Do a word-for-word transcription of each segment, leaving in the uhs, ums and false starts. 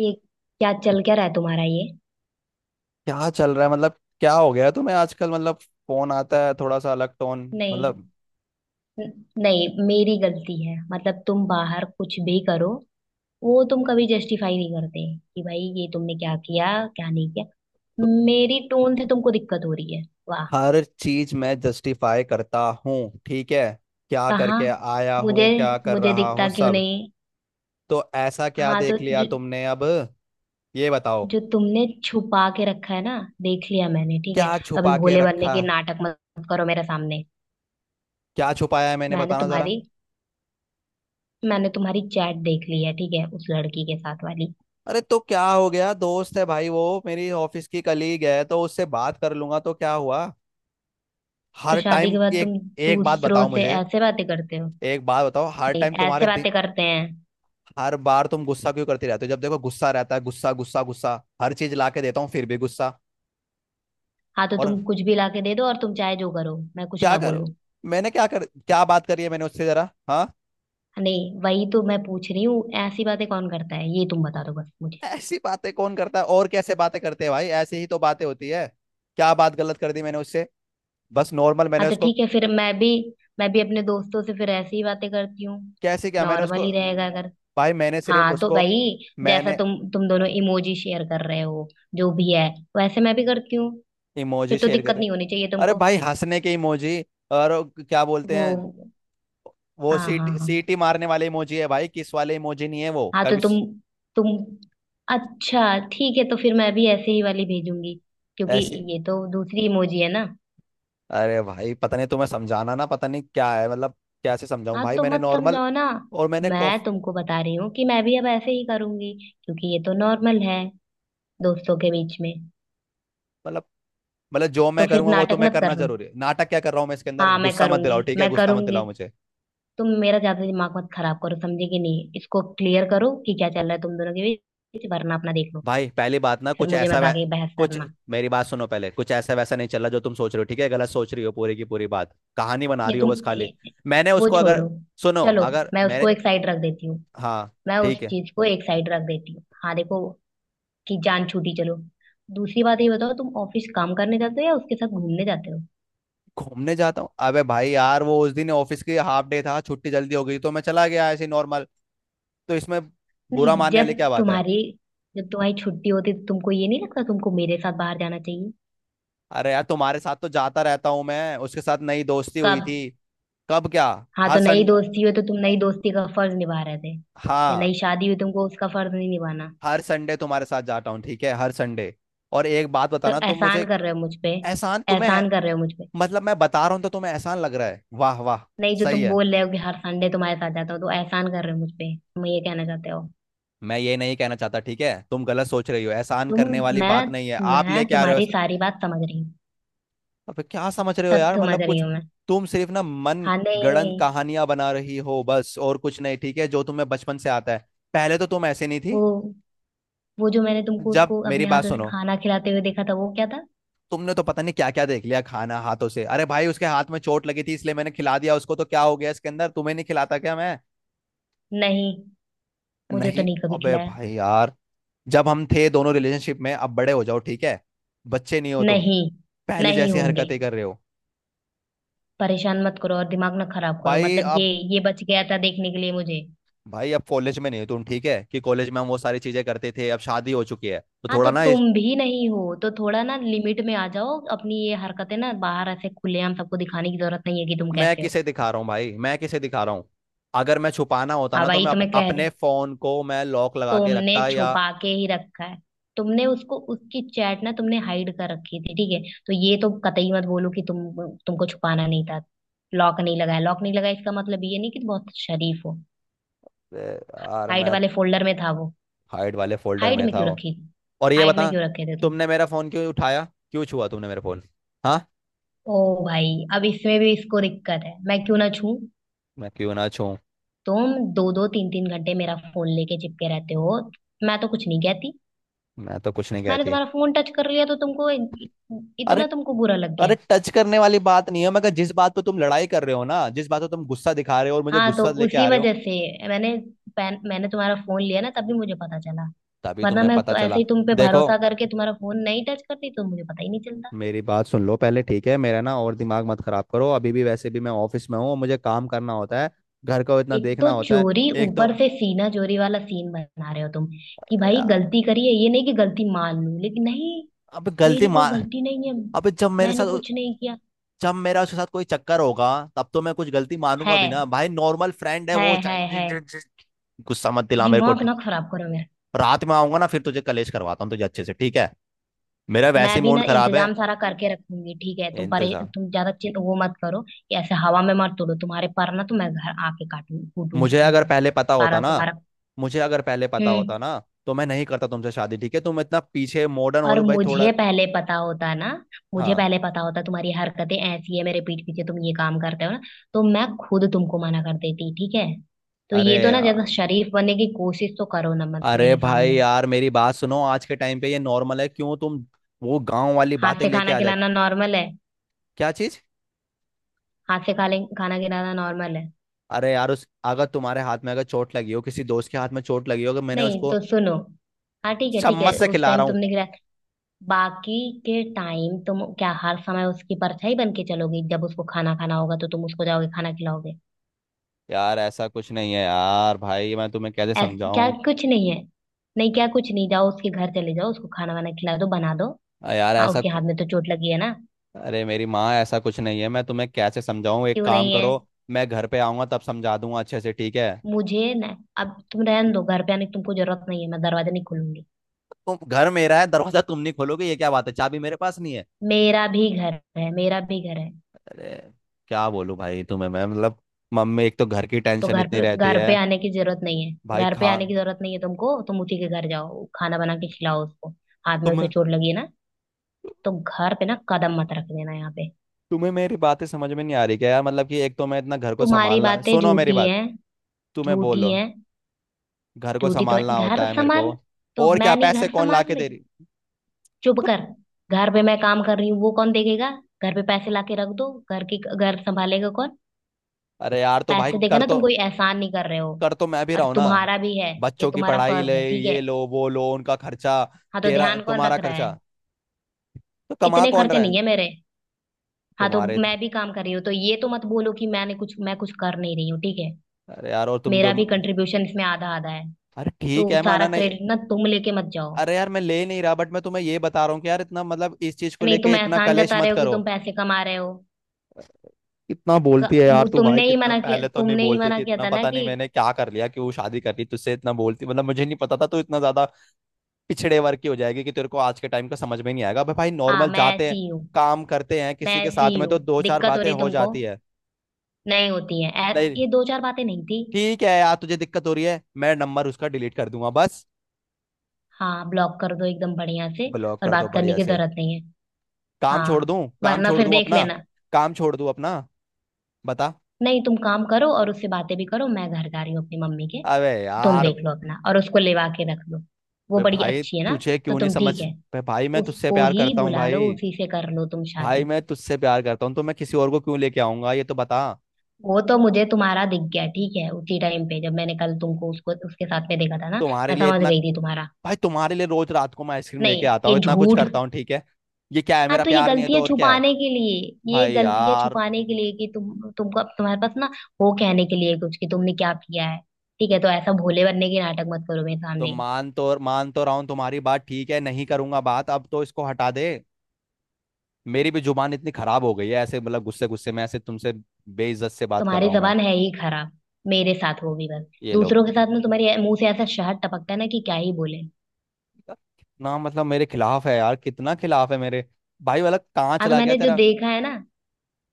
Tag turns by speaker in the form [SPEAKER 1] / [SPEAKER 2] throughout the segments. [SPEAKER 1] ये क्या चल क्या रहा है तुम्हारा ये।
[SPEAKER 2] क्या चल रहा है? मतलब क्या हो गया है तुम्हें आजकल? मतलब फोन आता है थोड़ा सा अलग टोन।
[SPEAKER 1] नहीं।
[SPEAKER 2] मतलब
[SPEAKER 1] न- नहीं, मेरी गलती है मतलब तुम बाहर कुछ भी करो। वो तुम कभी जस्टिफाई नहीं करते कि भाई ये तुमने क्या किया क्या नहीं किया।
[SPEAKER 2] तो
[SPEAKER 1] मेरी टोन से तुमको दिक्कत हो रही है? वाह।
[SPEAKER 2] हर चीज मैं जस्टिफाई करता हूँ, ठीक है? क्या
[SPEAKER 1] कहाँ?
[SPEAKER 2] करके आया
[SPEAKER 1] मुझे
[SPEAKER 2] हूँ, क्या कर
[SPEAKER 1] मुझे
[SPEAKER 2] रहा हूँ,
[SPEAKER 1] दिखता क्यों
[SPEAKER 2] सब।
[SPEAKER 1] नहीं?
[SPEAKER 2] तो ऐसा क्या
[SPEAKER 1] हाँ तो
[SPEAKER 2] देख लिया
[SPEAKER 1] जो,
[SPEAKER 2] तुमने अब? ये बताओ,
[SPEAKER 1] जो तुमने छुपा के रखा है ना देख लिया मैंने, ठीक है।
[SPEAKER 2] क्या
[SPEAKER 1] कभी
[SPEAKER 2] छुपा के
[SPEAKER 1] भोले बनने
[SPEAKER 2] रखा
[SPEAKER 1] के
[SPEAKER 2] है?
[SPEAKER 1] नाटक मत करो मेरे सामने।
[SPEAKER 2] क्या छुपाया है मैंने,
[SPEAKER 1] मैंने
[SPEAKER 2] बताना जरा।
[SPEAKER 1] तुम्हारी मैंने तुम्हारी चैट देख ली है, ठीक है, उस लड़की के साथ वाली।
[SPEAKER 2] अरे तो क्या हो गया, दोस्त है भाई, वो मेरी ऑफिस की कलीग है, तो उससे बात कर लूंगा तो क्या हुआ?
[SPEAKER 1] तो
[SPEAKER 2] हर
[SPEAKER 1] शादी के
[SPEAKER 2] टाइम
[SPEAKER 1] बाद
[SPEAKER 2] एक।
[SPEAKER 1] तुम
[SPEAKER 2] एक बात
[SPEAKER 1] दूसरों
[SPEAKER 2] बताओ
[SPEAKER 1] से
[SPEAKER 2] मुझे,
[SPEAKER 1] ऐसे बातें करते हो?
[SPEAKER 2] एक बात बताओ, हर
[SPEAKER 1] नहीं
[SPEAKER 2] टाइम तुम्हारे
[SPEAKER 1] ऐसे
[SPEAKER 2] दि-
[SPEAKER 1] बातें करते हैं।
[SPEAKER 2] हर बार तुम गुस्सा क्यों करते रहते हो? जब देखो गुस्सा रहता है, गुस्सा गुस्सा गुस्सा। हर चीज ला के देता हूँ फिर भी गुस्सा।
[SPEAKER 1] हाँ तो
[SPEAKER 2] और
[SPEAKER 1] तुम कुछ भी लाके दे दो और तुम चाहे जो करो मैं कुछ
[SPEAKER 2] क्या
[SPEAKER 1] ना
[SPEAKER 2] करो?
[SPEAKER 1] बोलूं।
[SPEAKER 2] मैंने क्या कर क्या बात करी है मैंने उससे जरा, हाँ?
[SPEAKER 1] नहीं वही तो मैं पूछ रही हूँ, ऐसी बातें कौन करता है ये तुम बता दो बस मुझे।
[SPEAKER 2] ऐसी बातें कौन करता है, और कैसे बातें करते हैं भाई? ऐसी ही तो बातें होती है। क्या बात गलत कर दी मैंने उससे? बस नॉर्मल
[SPEAKER 1] हाँ
[SPEAKER 2] मैंने
[SPEAKER 1] तो
[SPEAKER 2] उसको।
[SPEAKER 1] ठीक है फिर मैं भी मैं भी अपने दोस्तों से फिर ऐसी ही बातें करती हूँ।
[SPEAKER 2] कैसे? क्या मैंने उसको,
[SPEAKER 1] नॉर्मल ही रहेगा अगर।
[SPEAKER 2] भाई मैंने सिर्फ
[SPEAKER 1] हाँ तो
[SPEAKER 2] उसको।
[SPEAKER 1] भाई जैसा
[SPEAKER 2] मैंने
[SPEAKER 1] तुम तुम दोनों इमोजी शेयर कर रहे हो जो भी है, वैसे मैं भी करती हूँ।
[SPEAKER 2] इमोजी
[SPEAKER 1] फिर तो
[SPEAKER 2] शेयर कर
[SPEAKER 1] दिक्कत
[SPEAKER 2] रहे हैं?
[SPEAKER 1] नहीं होनी चाहिए
[SPEAKER 2] अरे
[SPEAKER 1] तुमको।
[SPEAKER 2] भाई हंसने के इमोजी। और क्या बोलते
[SPEAKER 1] वो।
[SPEAKER 2] हैं वो,
[SPEAKER 1] हाँ हाँ
[SPEAKER 2] सीटी
[SPEAKER 1] हाँ।
[SPEAKER 2] सीटी मारने वाले इमोजी है भाई, किस वाले इमोजी नहीं है वो
[SPEAKER 1] हाँ तो
[SPEAKER 2] कभी।
[SPEAKER 1] तुम तुम अच्छा ठीक है, तो फिर मैं भी ऐसे ही वाली भेजूंगी क्योंकि
[SPEAKER 2] ऐसी।
[SPEAKER 1] ये तो दूसरी इमोजी है ना।
[SPEAKER 2] अरे भाई पता नहीं, तुम्हें समझाना ना, पता नहीं क्या है। मतलब कैसे समझाऊं
[SPEAKER 1] हाँ
[SPEAKER 2] भाई,
[SPEAKER 1] तो
[SPEAKER 2] मैंने
[SPEAKER 1] मत
[SPEAKER 2] नॉर्मल।
[SPEAKER 1] समझाओ ना।
[SPEAKER 2] और मैंने
[SPEAKER 1] मैं
[SPEAKER 2] कॉफ।
[SPEAKER 1] तुमको बता रही हूँ कि मैं भी अब ऐसे ही करूंगी क्योंकि ये तो नॉर्मल है दोस्तों के बीच में।
[SPEAKER 2] मतलब मतलब जो
[SPEAKER 1] तो
[SPEAKER 2] मैं
[SPEAKER 1] फिर
[SPEAKER 2] करूंगा वो
[SPEAKER 1] नाटक
[SPEAKER 2] तुम्हें
[SPEAKER 1] मत
[SPEAKER 2] करना
[SPEAKER 1] करना।
[SPEAKER 2] जरूरी है? नाटक क्या कर रहा हूँ मैं इसके अंदर?
[SPEAKER 1] हाँ मैं
[SPEAKER 2] गुस्सा मत
[SPEAKER 1] करूंगी,
[SPEAKER 2] दिलाओ, ठीक है?
[SPEAKER 1] मैं
[SPEAKER 2] गुस्सा मत
[SPEAKER 1] करूंगी।
[SPEAKER 2] दिलाओ मुझे।
[SPEAKER 1] तुम मेरा ज्यादा दिमाग मत खराब करो, समझे कि नहीं? इसको क्लियर करो कि क्या चल रहा है तुम दोनों के बीच, वरना अपना देख लो।
[SPEAKER 2] भाई पहली बात ना,
[SPEAKER 1] फिर
[SPEAKER 2] कुछ
[SPEAKER 1] मुझे
[SPEAKER 2] ऐसा
[SPEAKER 1] मत
[SPEAKER 2] वै...
[SPEAKER 1] आके बहस
[SPEAKER 2] कुछ
[SPEAKER 1] करना।
[SPEAKER 2] मेरी बात सुनो पहले, कुछ ऐसा वैसा नहीं चल रहा जो तुम सोच रहे हो, ठीक है? गलत सोच रही हो, पूरी की पूरी बात कहानी बना
[SPEAKER 1] ये
[SPEAKER 2] रही हो
[SPEAKER 1] तुम
[SPEAKER 2] बस खाली।
[SPEAKER 1] ये-
[SPEAKER 2] मैंने
[SPEAKER 1] वो
[SPEAKER 2] उसको अगर,
[SPEAKER 1] छोड़ो।
[SPEAKER 2] सुनो
[SPEAKER 1] चलो
[SPEAKER 2] अगर
[SPEAKER 1] मैं
[SPEAKER 2] मैंने।
[SPEAKER 1] उसको एक साइड रख देती हूँ।
[SPEAKER 2] हाँ।
[SPEAKER 1] मैं उस
[SPEAKER 2] ठीक है।
[SPEAKER 1] चीज को एक साइड रख देती हूँ, हाँ देखो, कि जान छूटी चलो। दूसरी बात ये बताओ, तुम ऑफिस काम करने जाते हो या उसके साथ घूमने जाते हो?
[SPEAKER 2] घूमने जाता हूँ, अबे भाई यार वो उस दिन ऑफिस की हाफ डे था, छुट्टी जल्दी हो गई, तो मैं चला गया, ऐसे नॉर्मल। तो इसमें
[SPEAKER 1] नहीं
[SPEAKER 2] बुरा मानने
[SPEAKER 1] जब
[SPEAKER 2] वाली क्या बात है?
[SPEAKER 1] तुम्हारी जब तुम्हारी छुट्टी होती तो तुमको ये नहीं लगता तुमको मेरे साथ बाहर जाना चाहिए?
[SPEAKER 2] अरे यार तुम्हारे साथ तो जाता रहता हूँ, मैं उसके साथ नई दोस्ती हुई
[SPEAKER 1] कब?
[SPEAKER 2] थी। कब क्या।
[SPEAKER 1] हाँ
[SPEAKER 2] हर
[SPEAKER 1] तो नई
[SPEAKER 2] संडे।
[SPEAKER 1] दोस्ती हुई तो तुम नई दोस्ती का फर्ज निभा रहे थे या
[SPEAKER 2] हाँ,
[SPEAKER 1] नई शादी हुई तुमको उसका फर्ज नहीं निभाना?
[SPEAKER 2] हर संडे तुम्हारे साथ जाता हूँ, ठीक है? हर संडे। और एक बात
[SPEAKER 1] तो
[SPEAKER 2] बताना तुम मुझे।
[SPEAKER 1] एहसान कर रहे हो मुझ पे।
[SPEAKER 2] एहसान तुम्हें है।
[SPEAKER 1] एहसान कर रहे हो मुझ पे।
[SPEAKER 2] मतलब मैं बता रहा हूँ तो तुम्हें एहसान लग रहा है, वाह वाह।
[SPEAKER 1] नहीं जो
[SPEAKER 2] सही
[SPEAKER 1] तुम
[SPEAKER 2] है।
[SPEAKER 1] बोल रहे हो कि हर संडे तुम्हारे साथ जाता हो तो एहसान कर रहे हो मुझ पे, तुम ये कहना चाहते हो?
[SPEAKER 2] मैं ये नहीं कहना चाहता, ठीक है? तुम गलत सोच रही हो, एहसान
[SPEAKER 1] तुम
[SPEAKER 2] करने वाली
[SPEAKER 1] मैं
[SPEAKER 2] बात नहीं है, आप
[SPEAKER 1] मैं
[SPEAKER 2] लेके आ रहे हो।
[SPEAKER 1] तुम्हारी सारी बात समझ रही हूँ।
[SPEAKER 2] अब क्या समझ रहे हो
[SPEAKER 1] सब
[SPEAKER 2] यार?
[SPEAKER 1] समझ
[SPEAKER 2] मतलब
[SPEAKER 1] रही
[SPEAKER 2] कुछ,
[SPEAKER 1] हूँ मैं।
[SPEAKER 2] तुम सिर्फ ना मन
[SPEAKER 1] हाँ, नहीं
[SPEAKER 2] गढ़ंत
[SPEAKER 1] नहीं।
[SPEAKER 2] कहानियां बना रही हो बस, और कुछ नहीं, ठीक है? जो तुम्हें बचपन से आता है। पहले तो तुम ऐसे नहीं थी।
[SPEAKER 1] वो वो जो मैंने तुमको
[SPEAKER 2] जब
[SPEAKER 1] उसको
[SPEAKER 2] मेरी
[SPEAKER 1] अपने
[SPEAKER 2] बात
[SPEAKER 1] हाथों से
[SPEAKER 2] सुनो,
[SPEAKER 1] खाना खिलाते हुए देखा था वो क्या था?
[SPEAKER 2] तुमने तो पता नहीं क्या क्या देख लिया। खाना हाथों से, अरे भाई उसके हाथ में चोट लगी थी इसलिए मैंने खिला दिया उसको तो क्या हो गया इसके अंदर? तुम्हें नहीं खिलाता क्या मैं?
[SPEAKER 1] नहीं। मुझे तो
[SPEAKER 2] नहीं।
[SPEAKER 1] नहीं कभी
[SPEAKER 2] अबे
[SPEAKER 1] खिलाया।
[SPEAKER 2] भाई यार, जब हम थे दोनों रिलेशनशिप में, अब बड़े हो जाओ, ठीक है? बच्चे नहीं हो तुम,
[SPEAKER 1] नहीं।
[SPEAKER 2] पहले
[SPEAKER 1] नहीं
[SPEAKER 2] जैसी
[SPEAKER 1] होंगे।
[SPEAKER 2] हरकतें कर रहे हो।
[SPEAKER 1] परेशान मत करो और दिमाग ना खराब करो,
[SPEAKER 2] भाई
[SPEAKER 1] मतलब ये।
[SPEAKER 2] अब
[SPEAKER 1] ये बच गया था देखने के लिए मुझे।
[SPEAKER 2] भाई अब कॉलेज में नहीं हो तुम, ठीक है? कि कॉलेज में हम वो सारी चीजें करते थे, अब शादी हो चुकी है तो
[SPEAKER 1] हाँ
[SPEAKER 2] थोड़ा
[SPEAKER 1] तो
[SPEAKER 2] ना इस-
[SPEAKER 1] तुम भी नहीं हो तो थोड़ा ना लिमिट में आ जाओ। अपनी ये हरकतें ना बाहर ऐसे खुलेआम सबको दिखाने की जरूरत नहीं है कि तुम
[SPEAKER 2] मैं
[SPEAKER 1] कैसे हो।
[SPEAKER 2] किसे दिखा रहा हूँ भाई? मैं किसे दिखा रहा हूँ? अगर मैं छुपाना होता
[SPEAKER 1] हाँ
[SPEAKER 2] ना, तो
[SPEAKER 1] भाई,
[SPEAKER 2] मैं
[SPEAKER 1] तो
[SPEAKER 2] अप,
[SPEAKER 1] मैं कह
[SPEAKER 2] अपने
[SPEAKER 1] रही
[SPEAKER 2] फोन को मैं लॉक लगा के
[SPEAKER 1] तुमने
[SPEAKER 2] रखता, या
[SPEAKER 1] छुपा के ही रखा है। तुमने उसको, उसकी चैट ना तुमने हाइड कर रखी थी, ठीक है, तो ये तो कतई मत बोलो कि तुम, तुमको छुपाना नहीं था। लॉक नहीं लगाया, लॉक नहीं लगाया इसका मतलब ये नहीं कि तुम बहुत शरीफ हो।
[SPEAKER 2] ए, यार
[SPEAKER 1] हाइड
[SPEAKER 2] मैं
[SPEAKER 1] वाले फोल्डर में था वो।
[SPEAKER 2] हाइड वाले फोल्डर
[SPEAKER 1] हाइड
[SPEAKER 2] में
[SPEAKER 1] में
[SPEAKER 2] था
[SPEAKER 1] क्यों
[SPEAKER 2] वो।
[SPEAKER 1] रखी थी?
[SPEAKER 2] और ये
[SPEAKER 1] हाइड में
[SPEAKER 2] बता,
[SPEAKER 1] क्यों रखे थे तुम?
[SPEAKER 2] तुमने मेरा फोन क्यों उठाया? क्यों छुआ तुमने मेरा फोन? हाँ।
[SPEAKER 1] ओ भाई, अब इसमें भी इसको दिक्कत है मैं क्यों ना छू।
[SPEAKER 2] मैं क्यों ना छूऊं?
[SPEAKER 1] तुम दो दो तीन तीन घंटे मेरा फोन लेके चिपके रहते हो, मैं तो कुछ नहीं कहती।
[SPEAKER 2] मैं तो कुछ नहीं
[SPEAKER 1] मैंने
[SPEAKER 2] कहती।
[SPEAKER 1] तुम्हारा फोन टच कर लिया तो तुमको इ-
[SPEAKER 2] अरे
[SPEAKER 1] इतना तुमको बुरा लग
[SPEAKER 2] अरे
[SPEAKER 1] गया।
[SPEAKER 2] टच करने वाली बात नहीं है, मगर जिस बात पे तुम लड़ाई कर रहे हो ना, जिस बात पे तुम गुस्सा दिखा रहे हो और मुझे
[SPEAKER 1] हाँ तो
[SPEAKER 2] गुस्सा लेके
[SPEAKER 1] उसी
[SPEAKER 2] आ रहे हो।
[SPEAKER 1] वजह से मैंने पैन- मैंने तुम्हारा फोन लिया ना तभी मुझे पता चला।
[SPEAKER 2] तभी
[SPEAKER 1] वरना
[SPEAKER 2] तुम्हें
[SPEAKER 1] मैं
[SPEAKER 2] पता
[SPEAKER 1] तो ऐसे
[SPEAKER 2] चला।
[SPEAKER 1] ही तुम पे
[SPEAKER 2] देखो,
[SPEAKER 1] भरोसा करके तुम्हारा फोन नहीं टच करती तो मुझे पता ही नहीं चलता।
[SPEAKER 2] मेरी बात सुन लो पहले, ठीक है? मेरा ना और दिमाग मत खराब करो अभी भी, वैसे भी मैं ऑफिस में हूँ और मुझे काम करना होता है, घर का इतना
[SPEAKER 1] एक
[SPEAKER 2] देखना
[SPEAKER 1] तो
[SPEAKER 2] होता है।
[SPEAKER 1] चोरी
[SPEAKER 2] एक तो
[SPEAKER 1] ऊपर
[SPEAKER 2] अरे
[SPEAKER 1] से सीना चोरी वाला सीन बना रहे हो तुम, कि भाई
[SPEAKER 2] यार
[SPEAKER 1] गलती करी है ये नहीं कि गलती मान लूं, लेकिन नहीं।
[SPEAKER 2] अब गलती
[SPEAKER 1] मेरी कोई
[SPEAKER 2] मान।
[SPEAKER 1] गलती नहीं है।
[SPEAKER 2] अब जब मेरे
[SPEAKER 1] मैंने
[SPEAKER 2] साथ,
[SPEAKER 1] कुछ नहीं किया।
[SPEAKER 2] जब मेरा उसके साथ कोई चक्कर होगा, तब तो मैं कुछ गलती मानूंगा
[SPEAKER 1] है
[SPEAKER 2] भी ना भाई, नॉर्मल फ्रेंड है
[SPEAKER 1] है
[SPEAKER 2] वो। चा-
[SPEAKER 1] है है।
[SPEAKER 2] गुस्सा मत दिला मेरे को
[SPEAKER 1] दिमाग
[SPEAKER 2] ठीक।
[SPEAKER 1] ना खराब करो मेरा।
[SPEAKER 2] रात में आऊंगा ना फिर तुझे कलेश करवाता हूँ तुझे अच्छे से, ठीक है? मेरा वैसे
[SPEAKER 1] मैं भी ना
[SPEAKER 2] मूड खराब है।
[SPEAKER 1] इंतजाम सारा करके रखूंगी, ठीक है। तुम परे,
[SPEAKER 2] इंतजार।
[SPEAKER 1] तुम ज्यादा चिं- वो मत करो कि ऐसे हवा में मत तोड़ो तुम्हारे पर, ना तो मैं घर आके काटूंगी कूटूंगी
[SPEAKER 2] मुझे अगर
[SPEAKER 1] तुमको
[SPEAKER 2] पहले पता होता
[SPEAKER 1] सारा
[SPEAKER 2] ना
[SPEAKER 1] तुम्हारा।
[SPEAKER 2] मुझे अगर पहले पता
[SPEAKER 1] हम्म
[SPEAKER 2] होता ना, तो मैं नहीं करता तुमसे शादी, ठीक है? तुम इतना पीछे मॉडर्न हो
[SPEAKER 1] और
[SPEAKER 2] जो भाई थोड़ा।
[SPEAKER 1] मुझे पहले पता होता ना। मुझे
[SPEAKER 2] हाँ।
[SPEAKER 1] पहले पता होता तुम्हारी हरकतें ऐसी है, मेरे पीठ पीछे तुम ये काम करते हो ना, तो मैं खुद तुमको मना कर देती, ठीक है। तो
[SPEAKER 2] अरे
[SPEAKER 1] ये तो ना ज्यादा
[SPEAKER 2] यार,
[SPEAKER 1] शरीफ बनने की कोशिश तो करो ना मत
[SPEAKER 2] अरे
[SPEAKER 1] मेरे
[SPEAKER 2] भाई
[SPEAKER 1] सामने।
[SPEAKER 2] यार मेरी बात सुनो, आज के टाइम पे ये नॉर्मल है, क्यों तुम वो गांव वाली
[SPEAKER 1] हाथ
[SPEAKER 2] बातें
[SPEAKER 1] से
[SPEAKER 2] लेके
[SPEAKER 1] खाना
[SPEAKER 2] आ जाते?
[SPEAKER 1] खिलाना नॉर्मल है?
[SPEAKER 2] क्या चीज?
[SPEAKER 1] हाथ से खा ले खाना खिलाना नॉर्मल है?
[SPEAKER 2] अरे यार उस अगर तुम्हारे हाथ में, अगर चोट लगी हो किसी दोस्त के हाथ में चोट लगी हो, अगर मैंने
[SPEAKER 1] नहीं
[SPEAKER 2] उसको
[SPEAKER 1] तो सुनो। हाँ ठीक है, ठीक है,
[SPEAKER 2] चम्मच से
[SPEAKER 1] उस
[SPEAKER 2] खिला
[SPEAKER 1] टाइम
[SPEAKER 2] रहा हूँ।
[SPEAKER 1] तुमने गिराया। बाकी के टाइम तुम क्या हर समय उसकी परछाई बन के चलोगी? जब उसको खाना खाना होगा तो तुम उसको जाओगे खाना खिलाओगे?
[SPEAKER 2] यार ऐसा कुछ नहीं है यार भाई, मैं तुम्हें कैसे
[SPEAKER 1] ऐस क्या
[SPEAKER 2] समझाऊं?
[SPEAKER 1] कुछ नहीं है? नहीं क्या कुछ नहीं, जाओ उसके घर चले जाओ, उसको खाना वाना खिला दो, बना दो।
[SPEAKER 2] अ, यार
[SPEAKER 1] हाँ,
[SPEAKER 2] ऐसा
[SPEAKER 1] उसके हाथ में तो चोट लगी है ना।
[SPEAKER 2] अरे मेरी माँ, ऐसा कुछ नहीं है, मैं तुम्हें कैसे समझाऊं? एक
[SPEAKER 1] क्यों
[SPEAKER 2] काम
[SPEAKER 1] नहीं है?
[SPEAKER 2] करो, मैं घर पे आऊंगा तब समझा दूंगा अच्छे से, ठीक है?
[SPEAKER 1] मुझे ना, अब तुम रहने दो, घर पे आने की तुमको जरूरत नहीं है, मैं दरवाजा नहीं खोलूंगी।
[SPEAKER 2] तुम, घर मेरा है, दरवाजा तुम नहीं खोलोगे ये क्या बात है? चाबी मेरे पास नहीं है?
[SPEAKER 1] मेरा भी घर है, मेरा भी घर है।
[SPEAKER 2] अरे क्या बोलूं भाई तुम्हें मैं, मतलब मम्मी एक तो घर की
[SPEAKER 1] तो
[SPEAKER 2] टेंशन
[SPEAKER 1] घर
[SPEAKER 2] इतनी
[SPEAKER 1] पे
[SPEAKER 2] रहती
[SPEAKER 1] घर
[SPEAKER 2] है।
[SPEAKER 1] पे आने की जरूरत नहीं है।
[SPEAKER 2] भाई
[SPEAKER 1] घर पे
[SPEAKER 2] खा।
[SPEAKER 1] आने की जरूरत नहीं है तुमको, तुम उसी के घर जाओ, खाना बना के खिलाओ उसको। हाथ में
[SPEAKER 2] तुम
[SPEAKER 1] उसे चोट लगी है ना। तो घर पे ना कदम मत रख देना यहाँ पे।
[SPEAKER 2] तुम्हें मेरी बातें समझ में नहीं आ रही क्या यार? मतलब कि एक तो मैं इतना घर को
[SPEAKER 1] तुम्हारी
[SPEAKER 2] संभालना,
[SPEAKER 1] बातें
[SPEAKER 2] सुनो मेरी
[SPEAKER 1] झूठी
[SPEAKER 2] बात,
[SPEAKER 1] हैं।
[SPEAKER 2] तुम्हें
[SPEAKER 1] झूठी
[SPEAKER 2] बोलो
[SPEAKER 1] हैं।
[SPEAKER 2] घर को
[SPEAKER 1] झूठी तो है।
[SPEAKER 2] संभालना
[SPEAKER 1] घर
[SPEAKER 2] होता है मेरे को।
[SPEAKER 1] संभाल तो
[SPEAKER 2] और क्या,
[SPEAKER 1] मैं नहीं
[SPEAKER 2] पैसे
[SPEAKER 1] घर
[SPEAKER 2] कौन ला के
[SPEAKER 1] संभाल
[SPEAKER 2] दे
[SPEAKER 1] रही?
[SPEAKER 2] रही?
[SPEAKER 1] चुप
[SPEAKER 2] तो
[SPEAKER 1] कर। घर पे मैं काम कर रही हूँ वो कौन देखेगा। घर पे पैसे लाके रख दो, घर की, घर संभालेगा कौन?
[SPEAKER 2] अरे यार तो भाई,
[SPEAKER 1] पैसे देगा
[SPEAKER 2] कर
[SPEAKER 1] ना
[SPEAKER 2] तो,
[SPEAKER 1] तुम कोई एहसान नहीं कर रहे हो,
[SPEAKER 2] कर तो मैं भी रहा
[SPEAKER 1] और
[SPEAKER 2] हूँ ना,
[SPEAKER 1] तुम्हारा भी है। ये
[SPEAKER 2] बच्चों की
[SPEAKER 1] तुम्हारा
[SPEAKER 2] पढ़ाई, ले
[SPEAKER 1] फर्ज है, ठीक है।
[SPEAKER 2] ये लो वो लो उनका खर्चा,
[SPEAKER 1] हाँ तो
[SPEAKER 2] तेरा
[SPEAKER 1] ध्यान कौन
[SPEAKER 2] तुम्हारा
[SPEAKER 1] रख रहा
[SPEAKER 2] खर्चा,
[SPEAKER 1] है?
[SPEAKER 2] तो कमा
[SPEAKER 1] इतने
[SPEAKER 2] कौन
[SPEAKER 1] खर्चे
[SPEAKER 2] रहा है?
[SPEAKER 1] नहीं है मेरे। हाँ तो
[SPEAKER 2] तुम्हारे।
[SPEAKER 1] मैं भी काम कर रही हूँ, तो ये तो मत बोलो कि मैंने कुछ मैं कुछ कर नहीं रही हूँ, ठीक है।
[SPEAKER 2] अरे यार और तुम जो,
[SPEAKER 1] मेरा भी कंट्रीब्यूशन इसमें आधा आधा है,
[SPEAKER 2] अरे ठीक
[SPEAKER 1] तो
[SPEAKER 2] है
[SPEAKER 1] सारा
[SPEAKER 2] माना नहीं।
[SPEAKER 1] क्रेडिट ना तुम लेके मत जाओ।
[SPEAKER 2] अरे यार मैं ले नहीं रहा, बट मैं तुम्हें ये बता रहा हूँ कि यार इतना, मतलब इस चीज को
[SPEAKER 1] नहीं
[SPEAKER 2] लेके
[SPEAKER 1] तुम
[SPEAKER 2] इतना
[SPEAKER 1] एहसान
[SPEAKER 2] कलेश
[SPEAKER 1] जता रहे
[SPEAKER 2] मत
[SPEAKER 1] हो कि
[SPEAKER 2] करो।
[SPEAKER 1] तुम पैसे कमा रहे हो।
[SPEAKER 2] इतना
[SPEAKER 1] क-
[SPEAKER 2] बोलती है
[SPEAKER 1] वो
[SPEAKER 2] यार तू भाई,
[SPEAKER 1] तुमने ही
[SPEAKER 2] कितना,
[SPEAKER 1] मना किया।
[SPEAKER 2] पहले तो नहीं
[SPEAKER 1] तुमने ही
[SPEAKER 2] बोलती
[SPEAKER 1] मना
[SPEAKER 2] थी
[SPEAKER 1] किया
[SPEAKER 2] इतना,
[SPEAKER 1] था ना
[SPEAKER 2] पता नहीं
[SPEAKER 1] कि।
[SPEAKER 2] मैंने क्या कर लिया कि वो शादी कर ली तुझसे। इतना बोलती, मतलब मुझे नहीं पता था तू इतना ज्यादा पिछड़े वर्ग की हो जाएगी, कि तेरे को आज के टाइम का समझ में नहीं आएगा। भाई भाई
[SPEAKER 1] हाँ
[SPEAKER 2] नॉर्मल
[SPEAKER 1] मैं
[SPEAKER 2] जाते
[SPEAKER 1] ऐसी
[SPEAKER 2] हैं,
[SPEAKER 1] ही हूँ।
[SPEAKER 2] काम करते हैं,
[SPEAKER 1] मैं
[SPEAKER 2] किसी के
[SPEAKER 1] ऐसी
[SPEAKER 2] साथ
[SPEAKER 1] ही
[SPEAKER 2] में
[SPEAKER 1] हूँ,
[SPEAKER 2] तो दो चार
[SPEAKER 1] दिक्कत हो
[SPEAKER 2] बातें
[SPEAKER 1] रही
[SPEAKER 2] हो
[SPEAKER 1] तुमको?
[SPEAKER 2] जाती है।
[SPEAKER 1] नहीं होती है, ऐ-
[SPEAKER 2] नहीं।
[SPEAKER 1] ये दो चार बातें नहीं थी।
[SPEAKER 2] ठीक है यार तुझे दिक्कत हो रही है, मैं नंबर उसका डिलीट कर दूंगा बस।
[SPEAKER 1] हाँ ब्लॉक कर दो एकदम बढ़िया से
[SPEAKER 2] ब्लॉक
[SPEAKER 1] और
[SPEAKER 2] कर दो
[SPEAKER 1] बात करने
[SPEAKER 2] बढ़िया
[SPEAKER 1] की
[SPEAKER 2] से।
[SPEAKER 1] जरूरत नहीं है।
[SPEAKER 2] काम छोड़ दूं
[SPEAKER 1] हाँ,
[SPEAKER 2] काम
[SPEAKER 1] वरना
[SPEAKER 2] छोड़
[SPEAKER 1] फिर
[SPEAKER 2] दूं
[SPEAKER 1] देख
[SPEAKER 2] अपना।
[SPEAKER 1] लेना।
[SPEAKER 2] काम छोड़ दूं अपना, बता।
[SPEAKER 1] नहीं तुम काम करो और उससे बातें भी करो, मैं घर जा रही हूँ अपनी मम्मी के।
[SPEAKER 2] अबे
[SPEAKER 1] तुम
[SPEAKER 2] यार,
[SPEAKER 1] देख लो अपना और उसको लेवा के रख लो। वो
[SPEAKER 2] बे
[SPEAKER 1] बड़ी
[SPEAKER 2] भाई
[SPEAKER 1] अच्छी है ना।
[SPEAKER 2] तुझे
[SPEAKER 1] तो
[SPEAKER 2] क्यों नहीं
[SPEAKER 1] तुम
[SPEAKER 2] समझ?
[SPEAKER 1] ठीक है,
[SPEAKER 2] बे भाई मैं तुझसे
[SPEAKER 1] उसको
[SPEAKER 2] प्यार
[SPEAKER 1] ही
[SPEAKER 2] करता हूँ
[SPEAKER 1] बुला लो,
[SPEAKER 2] भाई।
[SPEAKER 1] उसी से कर लो तुम
[SPEAKER 2] भाई
[SPEAKER 1] शादी।
[SPEAKER 2] मैं तुझसे प्यार करता हूँ तो मैं किसी और को क्यों लेके आऊंगा, ये तो बता।
[SPEAKER 1] वो तो मुझे तुम्हारा दिख गया, ठीक है, उसी टाइम पे जब मैंने कल तुमको उसको उसके साथ में देखा था ना।
[SPEAKER 2] तुम्हारे
[SPEAKER 1] मैं
[SPEAKER 2] लिए
[SPEAKER 1] समझ
[SPEAKER 2] इतना,
[SPEAKER 1] गई थी तुम्हारा।
[SPEAKER 2] भाई तुम्हारे लिए रोज रात को मैं आइसक्रीम
[SPEAKER 1] नहीं,
[SPEAKER 2] लेके आता
[SPEAKER 1] ये
[SPEAKER 2] हूँ, इतना कुछ
[SPEAKER 1] झूठ।
[SPEAKER 2] करता हूँ, ठीक है? ये क्या है,
[SPEAKER 1] हाँ
[SPEAKER 2] मेरा
[SPEAKER 1] तो ये
[SPEAKER 2] प्यार नहीं है तो
[SPEAKER 1] गलतियां
[SPEAKER 2] और क्या है?
[SPEAKER 1] छुपाने के लिए। ये
[SPEAKER 2] भाई
[SPEAKER 1] गलतियां
[SPEAKER 2] यार,
[SPEAKER 1] छुपाने के लिए कि तुम तुमको अब तुम्हारे पास ना वो कहने के लिए कुछ कि तुमने क्या किया है, ठीक है। तो ऐसा भोले बनने के नाटक मत करो मेरे
[SPEAKER 2] तो
[SPEAKER 1] सामने।
[SPEAKER 2] मान तो मान तो रहा हूँ तुम्हारी बात, ठीक है नहीं करूंगा बात, अब तो इसको हटा दे। मेरी भी जुबान इतनी खराब हो गई है, ऐसे मतलब गुस्से गुस्से में ऐसे तुमसे बेइज्जत से बात कर
[SPEAKER 1] तुम्हारी
[SPEAKER 2] रहा हूँ मैं।
[SPEAKER 1] जबान है ही खराब। मेरे साथ होगी बस।
[SPEAKER 2] ये लो।
[SPEAKER 1] दूसरों के साथ में तुम्हारे मुंह से ऐसा शहद टपकता है ना कि क्या ही बोले।
[SPEAKER 2] कितना मतलब मेरे खिलाफ है यार, कितना खिलाफ है मेरे? भाई वाला कहाँ
[SPEAKER 1] हाँ तो
[SPEAKER 2] चला गया
[SPEAKER 1] मैंने जो
[SPEAKER 2] तेरा?
[SPEAKER 1] देखा है ना।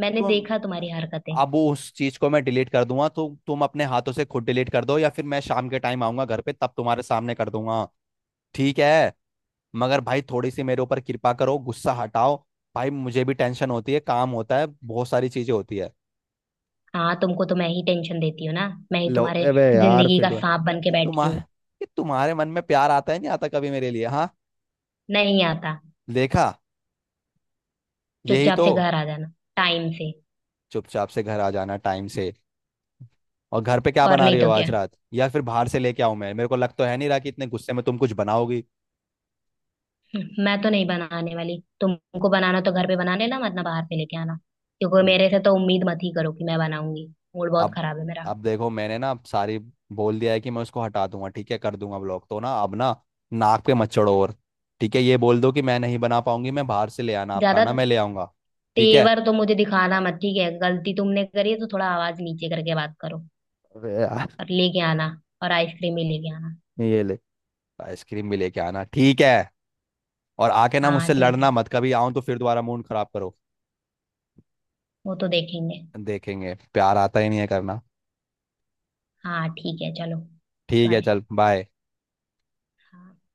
[SPEAKER 1] मैंने
[SPEAKER 2] तुम,
[SPEAKER 1] देखा तुम्हारी हरकतें।
[SPEAKER 2] अब उस चीज को मैं डिलीट कर दूंगा, तो तुम अपने हाथों से खुद डिलीट कर दो, या फिर मैं शाम के टाइम आऊंगा घर पे तब तुम्हारे सामने कर दूंगा, ठीक है? मगर भाई थोड़ी सी मेरे ऊपर कृपा करो, गुस्सा हटाओ। भाई मुझे भी टेंशन होती है, काम होता है, बहुत सारी चीजें होती है।
[SPEAKER 1] हाँ तुमको तो मैं ही टेंशन देती हूँ ना। मैं ही
[SPEAKER 2] लो
[SPEAKER 1] तुम्हारे
[SPEAKER 2] अबे यार
[SPEAKER 1] जिंदगी
[SPEAKER 2] फिर
[SPEAKER 1] का
[SPEAKER 2] तो है।
[SPEAKER 1] सांप बन के
[SPEAKER 2] कि
[SPEAKER 1] बैठी
[SPEAKER 2] तुम्हारे,
[SPEAKER 1] हूँ।
[SPEAKER 2] कि तुम्हारे मन में प्यार आता है नहीं आता कभी मेरे लिए, हाँ?
[SPEAKER 1] नहीं आता।
[SPEAKER 2] देखा। यही
[SPEAKER 1] चुपचाप
[SPEAKER 2] तो,
[SPEAKER 1] से घर आ जाना टाइम से।
[SPEAKER 2] चुपचाप से घर आ जाना टाइम से। और घर पे क्या
[SPEAKER 1] और
[SPEAKER 2] बना
[SPEAKER 1] नहीं
[SPEAKER 2] रही हो
[SPEAKER 1] तो क्या।
[SPEAKER 2] आज रात, या फिर बाहर से लेके आऊं मैं? मेरे को लग तो है नहीं रहा कि इतने गुस्से में तुम कुछ बनाओगी।
[SPEAKER 1] हम्म, मैं तो नहीं बनाने वाली तुमको। बनाना तो घर पे बना लेना, मत ना बाहर से लेके आना। क्योंकि मेरे से तो उम्मीद मत ही करो कि मैं बनाऊंगी। मूड बहुत
[SPEAKER 2] अब
[SPEAKER 1] खराब है मेरा।
[SPEAKER 2] अब देखो मैंने ना सारी बोल दिया है कि मैं उसको हटा दूंगा, ठीक है? कर दूंगा ब्लॉक, तो ना अब ना नाक पे मत चढ़ो। और ठीक है ये बोल दो कि मैं नहीं बना पाऊंगी, मैं बाहर से ले आना आप
[SPEAKER 1] ज्यादा
[SPEAKER 2] खाना, मैं ले आऊंगा। ठीक है।
[SPEAKER 1] तेवर तो मुझे दिखाना मत, ठीक है, गलती तुमने करी है तो थोड़ा आवाज नीचे करके बात करो
[SPEAKER 2] अबे यार
[SPEAKER 1] और लेके आना। और आइसक्रीम ही लेके आना।
[SPEAKER 2] ये ले, आइसक्रीम भी लेके आना, ठीक है। और आके ना
[SPEAKER 1] हाँ
[SPEAKER 2] मुझसे
[SPEAKER 1] ठीक है।
[SPEAKER 2] लड़ना मत कभी, आऊं तो फिर दोबारा मूड खराब करो।
[SPEAKER 1] वो तो देखेंगे।
[SPEAKER 2] देखेंगे प्यार आता ही नहीं है करना।
[SPEAKER 1] हाँ ठीक है, चलो।
[SPEAKER 2] ठीक है
[SPEAKER 1] बाय।
[SPEAKER 2] चल, बाय।
[SPEAKER 1] हाँ।